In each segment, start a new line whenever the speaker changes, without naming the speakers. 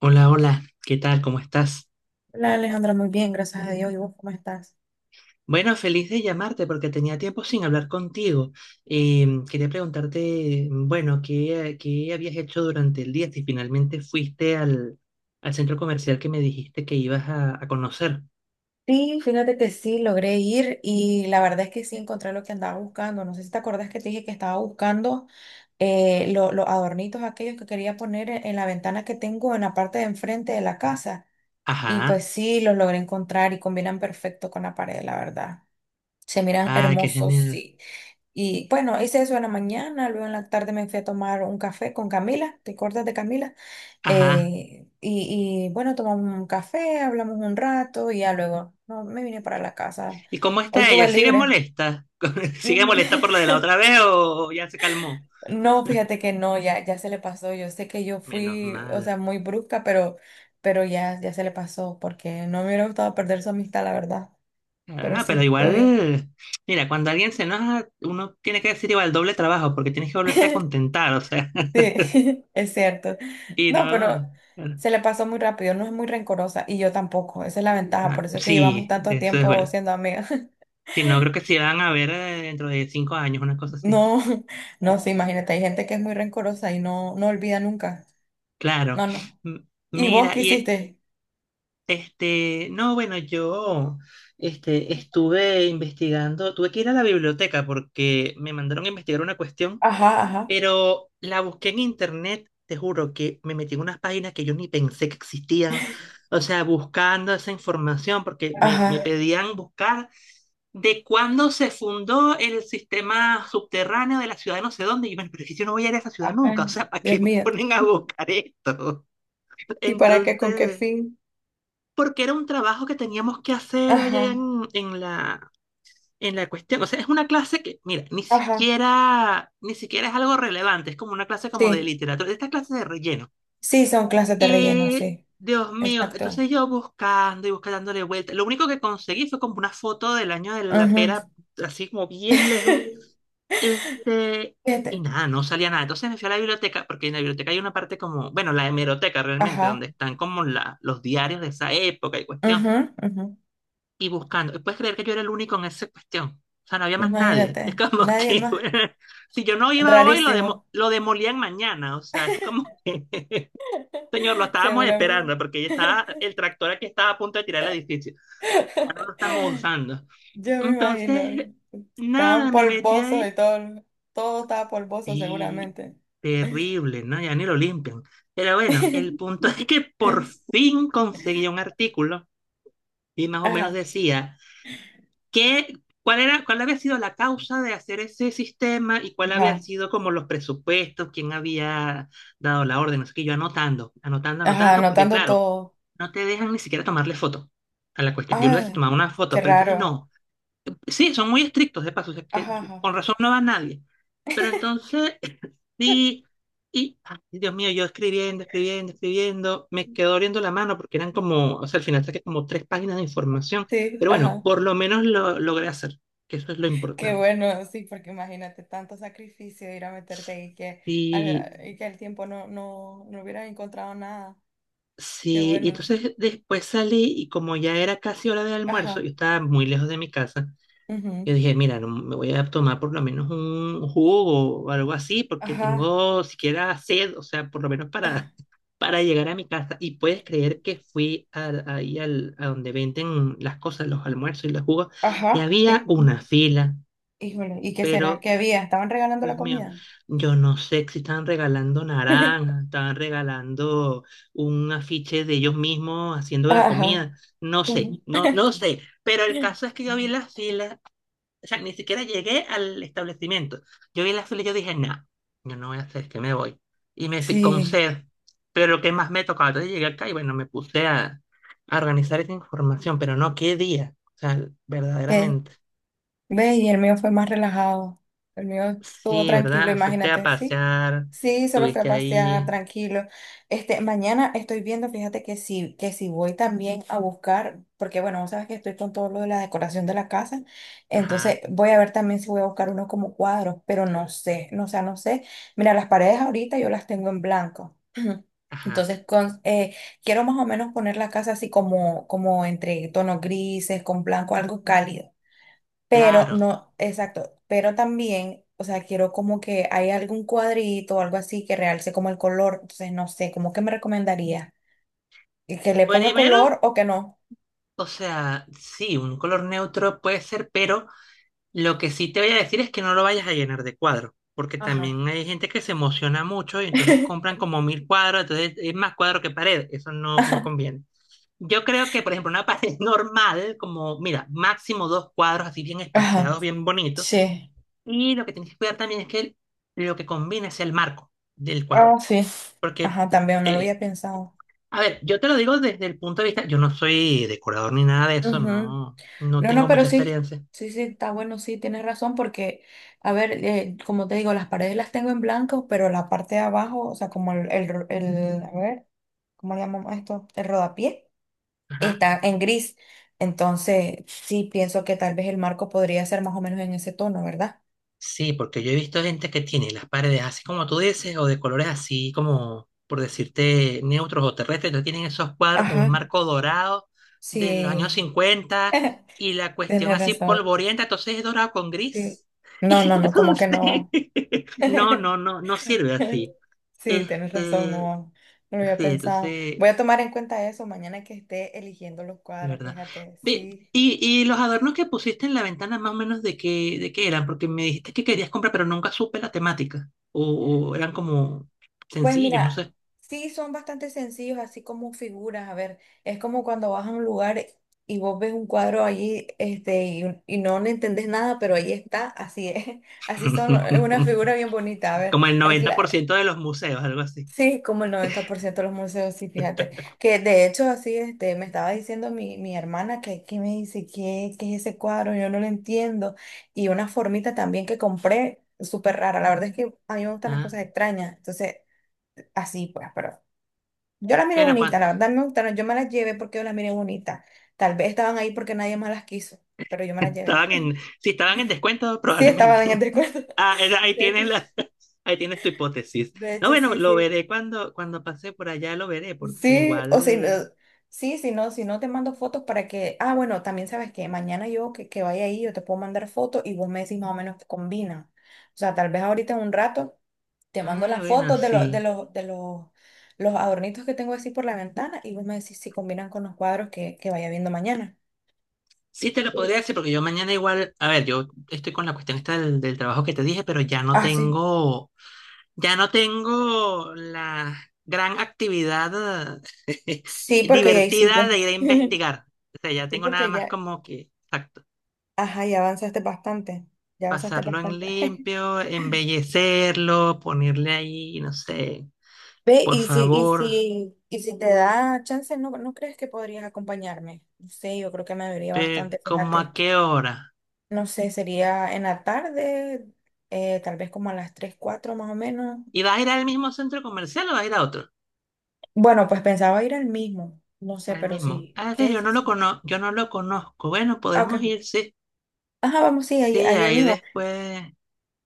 Hola, hola, ¿qué tal? ¿Cómo estás?
Hola Alejandra, muy bien, gracias a Dios. ¿Y vos cómo estás?
Bueno, feliz de llamarte porque tenía tiempo sin hablar contigo. Quería preguntarte, bueno, ¿qué habías hecho durante el día? Si finalmente fuiste al centro comercial que me dijiste que ibas a conocer.
Sí, fíjate que sí, logré ir y la verdad es que sí encontré lo que andaba buscando. No sé si te acordás que te dije que estaba buscando los adornitos aquellos que quería poner en la ventana que tengo en la parte de enfrente de la casa. Y pues
Ajá,
sí, los logré encontrar y combinan perfecto con la pared, la verdad. Se miran
ah, qué
hermosos,
genial.
sí. Y bueno, hice eso en la mañana, luego en la tarde me fui a tomar un café con Camila, ¿te acuerdas de Camila?
Ajá.
Bueno, tomamos un café, hablamos un rato y ya luego no, me vine para la casa.
¿Y cómo
Hoy
está ella?
tuve
¿Sigue
libre.
molesta? ¿Sigue
Mm.
molesta por lo de la otra vez o ya se calmó?
No, fíjate que no, ya se le pasó. Yo sé que yo
Menos
fui, o sea,
mal.
muy brusca, pero, pero ya se le pasó porque no me hubiera gustado perder su amistad, la verdad.
Pero
Pero
no, pero
sí, todo bien.
igual, mira, cuando alguien se enoja, uno tiene que decir igual doble trabajo, porque tienes que volverte a contentar, o sea,
Sí, es cierto.
y
No, pero
no, claro,
se le pasó muy rápido, no es muy rencorosa y yo tampoco. Esa es la ventaja, por
ah,
eso es que llevamos
sí,
tanto
eso es
tiempo
bueno.
siendo amigas.
Si no, creo que sí van a ver dentro de 5 años, una cosa así.
No, no, sí, imagínate, hay gente que es muy rencorosa y no olvida nunca.
Claro.
No, no.
M-
¿Y vos
mira,
qué
y
hiciste?
no, bueno, yo estuve investigando, tuve que ir a la biblioteca porque me mandaron a investigar una cuestión.
Ajá, ajá,
Pero la busqué en internet, te juro que me metí en unas páginas que yo ni pensé que existían. O sea, buscando esa información, porque me
ajá,
pedían buscar de cuándo se fundó el sistema subterráneo de la ciudad de no sé dónde. Y yo, bueno, pero si yo no voy a ir a esa ciudad
ajá.
nunca, o sea, ¿para
Dios
qué me
mío.
ponen a buscar esto?
¿Y para qué? ¿Con qué
Entonces,
fin?
porque era un trabajo que teníamos que hacer
Ajá,
allá en la cuestión. O sea, es una clase que, mira, ni
ajá,
siquiera, ni siquiera es algo relevante, es como una clase como de
sí.
literatura, esta clase de relleno.
Sí, son clases de relleno,
Y,
sí.
Dios mío,
Exacto.
entonces yo buscando y buscando dándole vuelta. Lo único que conseguí fue como una foto del año de la
Ujú.
pera, así como bien lejos. Este, y
Fíjate.
nada, no salía nada. Entonces me fui a la biblioteca, porque en la biblioteca hay una parte como, bueno, la hemeroteca realmente,
Ajá.
donde están como los diarios de esa época y cuestión
Ujú, ujú.
y buscando. ¿Puedes creer que yo era el único en esa cuestión? O sea, no había más nadie. Es
Imagínate.
como
Nadie
que,
más.
si yo no iba hoy,
Rarísimo.
lo demolían mañana. O sea, es como que, señor, lo estábamos
Seguramente.
esperando porque ya estaba, el tractor aquí estaba a punto de tirar el edificio. Ya no lo estamos usando.
Yo me imagino.
Entonces,
Estaban
nada, me metí
polvosos y
ahí
todo, todo estaba polvoso
y
seguramente.
terrible, ¿no? Ya ni lo limpian. Pero bueno, el punto es que por fin conseguí un artículo y más o menos
Ajá,
decía. ¿Qué, cuál había sido la causa de hacer ese sistema y cuál había
ajá,
sido como los presupuestos, quién había dado la orden. Así que yo anotando, anotando,
ajá,
anotando, porque
anotando
claro,
todo.
no te dejan ni siquiera tomarle foto a la cuestión. Yo lo dije
Ay,
tomaba una
qué
foto, pero entonces
raro.
no. Sí, son muy estrictos de paso, o sea, que
Ajá, ajá.
con razón no va nadie. Pero entonces, sí, y, ay, Dios mío, yo escribiendo, escribiendo, escribiendo, me quedó doliendo la mano porque eran como, o sea, al final saqué como tres páginas de información,
Sí,
pero bueno,
ajá.
por lo menos lo logré hacer, que eso es lo
Qué
importante.
bueno, sí, porque imagínate tanto sacrificio ir a meterte ahí que,
Y
y que el tiempo no, no hubiera encontrado nada. Qué
sí, y
bueno.
entonces después salí y como ya era casi hora de almuerzo, yo
Ajá,
estaba muy lejos de mi casa.
ujú.
Yo dije, mira, no, me voy a tomar por lo menos un jugo o algo así, porque
Ajá,
tengo siquiera sed, o sea, por lo menos para, para llegar a mi casa. Y puedes creer que ahí a donde venden las cosas, los almuerzos y los jugos, y
ajá,
había
sí.
una fila,
Híjole, ¿y qué será?
pero,
¿Qué había? ¿Estaban regalando la
Dios mío,
comida?
yo no sé si estaban regalando naranjas, estaban regalando un afiche de ellos mismos haciendo la
Ajá.
comida, no sé, no, no sé. Pero el caso es que yo vi las filas, o sea, ni siquiera llegué al establecimiento. Yo vi el fila y yo dije, nah, yo no voy a hacer, que me voy. Y me fui con
Sí,
sed, pero lo que más me tocaba. Entonces llegué acá y bueno, me puse a organizar esa información, pero no, qué día. O sea,
que
verdaderamente.
ve, y el mío fue más relajado. El mío estuvo
Sí,
tranquilo,
¿verdad? Fuiste a
imagínate, sí.
pasear,
Sí, solo fui a
estuviste
pasear
ahí.
tranquilo. Este, mañana estoy viendo, fíjate que sí, que si voy también a buscar, porque bueno, vos sabes que estoy con todo lo de la decoración de la casa, entonces
Ajá,
voy a ver también si voy a buscar unos como cuadros, pero no sé, no, o sea, no sé. Mira, las paredes ahorita yo las tengo en blanco.
ajá,
Entonces, quiero más o menos poner la casa así como, como entre tonos grises, con blanco, algo cálido. Pero
claro.
no, exacto, pero también, o sea, quiero como que hay algún cuadrito o algo así que realce como el color. Entonces, no sé, ¿cómo que me recomendaría? ¿Que le ponga
Primero,
color o que no?
o sea, sí, un color neutro puede ser, pero lo que sí te voy a decir es que no lo vayas a llenar de cuadros, porque
Ajá.
también hay gente que se emociona mucho y entonces compran como mil cuadros, entonces es más cuadro que pared, eso no, no conviene. Yo creo que, por ejemplo, una pared normal, como, mira, máximo dos cuadros así bien
Ajá,
espaciados, bien bonitos,
sí.
y lo que tienes que cuidar también es que lo que combina sea el marco del
Ah,
cuadro,
sí.
porque,
Ajá, también no lo
eh,
había pensado.
a ver, yo te lo digo desde el punto de vista, yo no soy decorador ni nada de eso,
Ujú.
no, no
No, no,
tengo
pero
mucha
sí,
experiencia.
sí, sí, está bueno, sí, tienes razón, porque, a ver, como te digo, las paredes las tengo en blanco, pero la parte de abajo, o sea, como a ver, ¿cómo le llamamos esto? El rodapié,
Ajá.
está en gris. Entonces, sí, pienso que tal vez el marco podría ser más o menos en ese tono, ¿verdad?
Sí, porque yo he visto gente que tiene las paredes así como tú dices, o de colores así como, por decirte, neutros o terrestres, entonces tienen esos cuadros con un
Ajá.
marco dorado de los años
Sí,
50 y la cuestión
tienes
así
razón.
polvorienta, entonces es dorado con
Sí.
gris.
No,
Y
no, no, como que
entonces,
no va.
no, no, no, no sirve así.
Sí, tienes razón,
Este,
no, no lo había
sí,
pensado.
entonces
Voy a tomar en cuenta eso mañana que esté eligiendo los
de
cuadros,
verdad.
fíjate,
Ve,
sí.
y los adornos que pusiste en la ventana, más o menos, ¿de qué eran? Porque me dijiste que querías comprar, pero nunca supe la temática. O eran como
Pues
sencillos, no
mira,
sé.
sí son bastante sencillos, así como figuras, a ver, es como cuando vas a un lugar y vos ves un cuadro allí, este, y no le entendés nada, pero ahí está, así es, así son, es una figura bien bonita, a ver.
Como el 90% de los museos, algo así.
Sí, como el 90% de los museos, sí, fíjate. Que de hecho, así, este, me estaba diciendo mi hermana que me dice, ¿qué es ese cuadro? Yo no lo entiendo. Y una formita también que compré, súper rara. La verdad es que a mí me gustan las
Ah,
cosas extrañas. Entonces, así pues, pero yo las miré
bueno,
bonita,
cuando
la verdad me gustaron. Yo me las llevé porque yo las miré bonita. Tal vez estaban ahí porque nadie más las quiso, pero yo me las llevé.
si estaban en descuento,
Sí, estaban en el
probablemente.
descuento.
Ah, ahí
De hecho,
tienes la, ahí tienes tu hipótesis.
de
No,
hecho,
bueno,
sí,
lo
sí.
veré cuando, pase por allá, lo veré, porque
Sí, o si no,
igual.
sí, si no te mando fotos para que, ah, bueno, también sabes que mañana yo que vaya ahí, yo te puedo mandar fotos y vos me decís más o menos que combina. O sea, tal vez ahorita en un rato te mando
Ah,
las
bueno,
fotos
sí.
los adornitos que tengo así por la ventana y vos me decís si combinan con los cuadros que vaya viendo mañana.
Sí, te lo
Sí.
podría decir, porque yo mañana igual, a ver, yo estoy con la cuestión esta del trabajo que te dije, pero ya no
Ah, sí.
tengo, ya no tengo la gran actividad eh,
Sí, porque ya
divertida
hiciste.
de ir a investigar. O sea, ya
Sí,
tengo nada
porque
más
ya,
como que, exacto,
ajá, ya avanzaste bastante. Ya avanzaste
pasarlo en
bastante.
limpio, embellecerlo, ponerle ahí, no sé,
Ve,
por
y si, y
favor,
si, y si te da chance, ¿no crees que podrías acompañarme? No sé, yo creo que me vería
pero
bastante,
¿cómo a
fíjate.
qué hora?
No sé, sería en la tarde, tal vez como a las 3 4 más o menos.
¿Y vas a ir al mismo centro comercial o vas a ir a otro?
Bueno, pues pensaba ir al mismo. No sé,
Al
pero
mismo.
sí.
Ah, que
¿Qué?
yo
Sí,
no
sí.
yo no lo conozco. Bueno,
Ah, ok.
podemos ir, sí.
Ajá, vamos, sí, ahí,
Sí,
ahí el
ahí
mismo.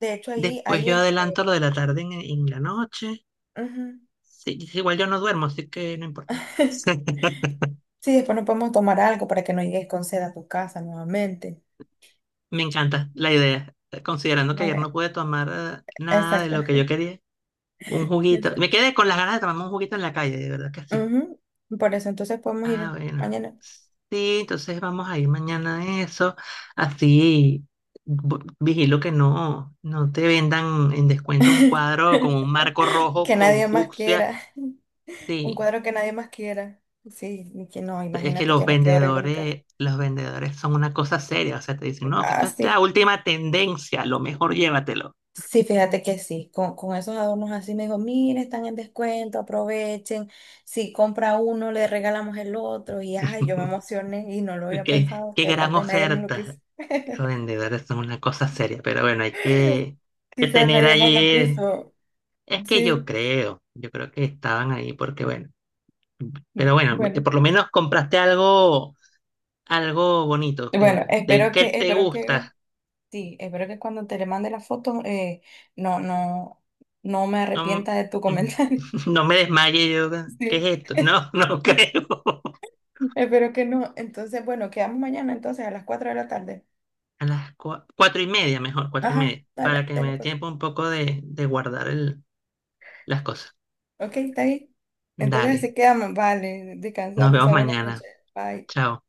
De hecho, ahí,
después
ahí
yo
este.
adelanto lo de la tarde en la noche.
Ujú.
Sí, sí, igual yo no duermo, así que no importa.
Sí, después nos podemos tomar algo para que no llegues con sed a tu casa nuevamente.
Me encanta la idea, considerando que ayer no
Vale,
pude tomar nada de
exacto.
lo que yo quería. Un juguito. Me
Exacto.
quedé con las ganas de tomarme un juguito en la calle, de verdad que sí.
Ujú. Por eso entonces podemos
Ah,
ir
bueno.
mañana.
Sí, entonces vamos a ir mañana a eso. Así vigilo que no te vendan en descuento un cuadro con un marco rojo
Que
con
nadie más
fucsia.
quiera. Un
Sí,
cuadro que nadie más quiera. Sí, ni que no,
es que
imagínate que me quedó horrible en mi casa.
los vendedores son una cosa seria. O sea, te dicen, no, que
Ah,
esto es la
sí.
última tendencia, lo mejor llévatelo.
Sí, fíjate que sí. Con esos adornos así me dijo, mire, están en descuento, aprovechen. Si compra uno, le regalamos el otro. Y ay, yo me emocioné y no lo había
Qué,
pensado,
qué
que tal
gran
vez nadie más lo quiso.
oferta. Los vendedores son una cosa seria, pero bueno, que
Quizás
tener
nadie más lo
ahí.
quiso.
Es que
Sí,
yo creo que estaban ahí porque bueno, pero bueno,
bueno.
por lo menos compraste algo, algo bonito,
Bueno, espero que,
que te
espero que.
gusta.
Sí, espero que cuando te le mande la foto no, no, no me
No,
arrepienta de tu
mm,
comentario.
no me desmaye yo, ¿qué
Sí.
es esto? No, no creo.
Espero que no. Entonces, bueno, quedamos mañana entonces a las 4 de la tarde.
A las 4:30, mejor, cuatro y
Ajá,
media, para
dale,
que me
dale
dé
pues.
tiempo un poco de guardar las cosas.
Ok, está ahí. Entonces
Dale,
así quedamos. Vale, descansa,
nos
pues
vemos
buenas noches.
mañana.
Bye.
Chao.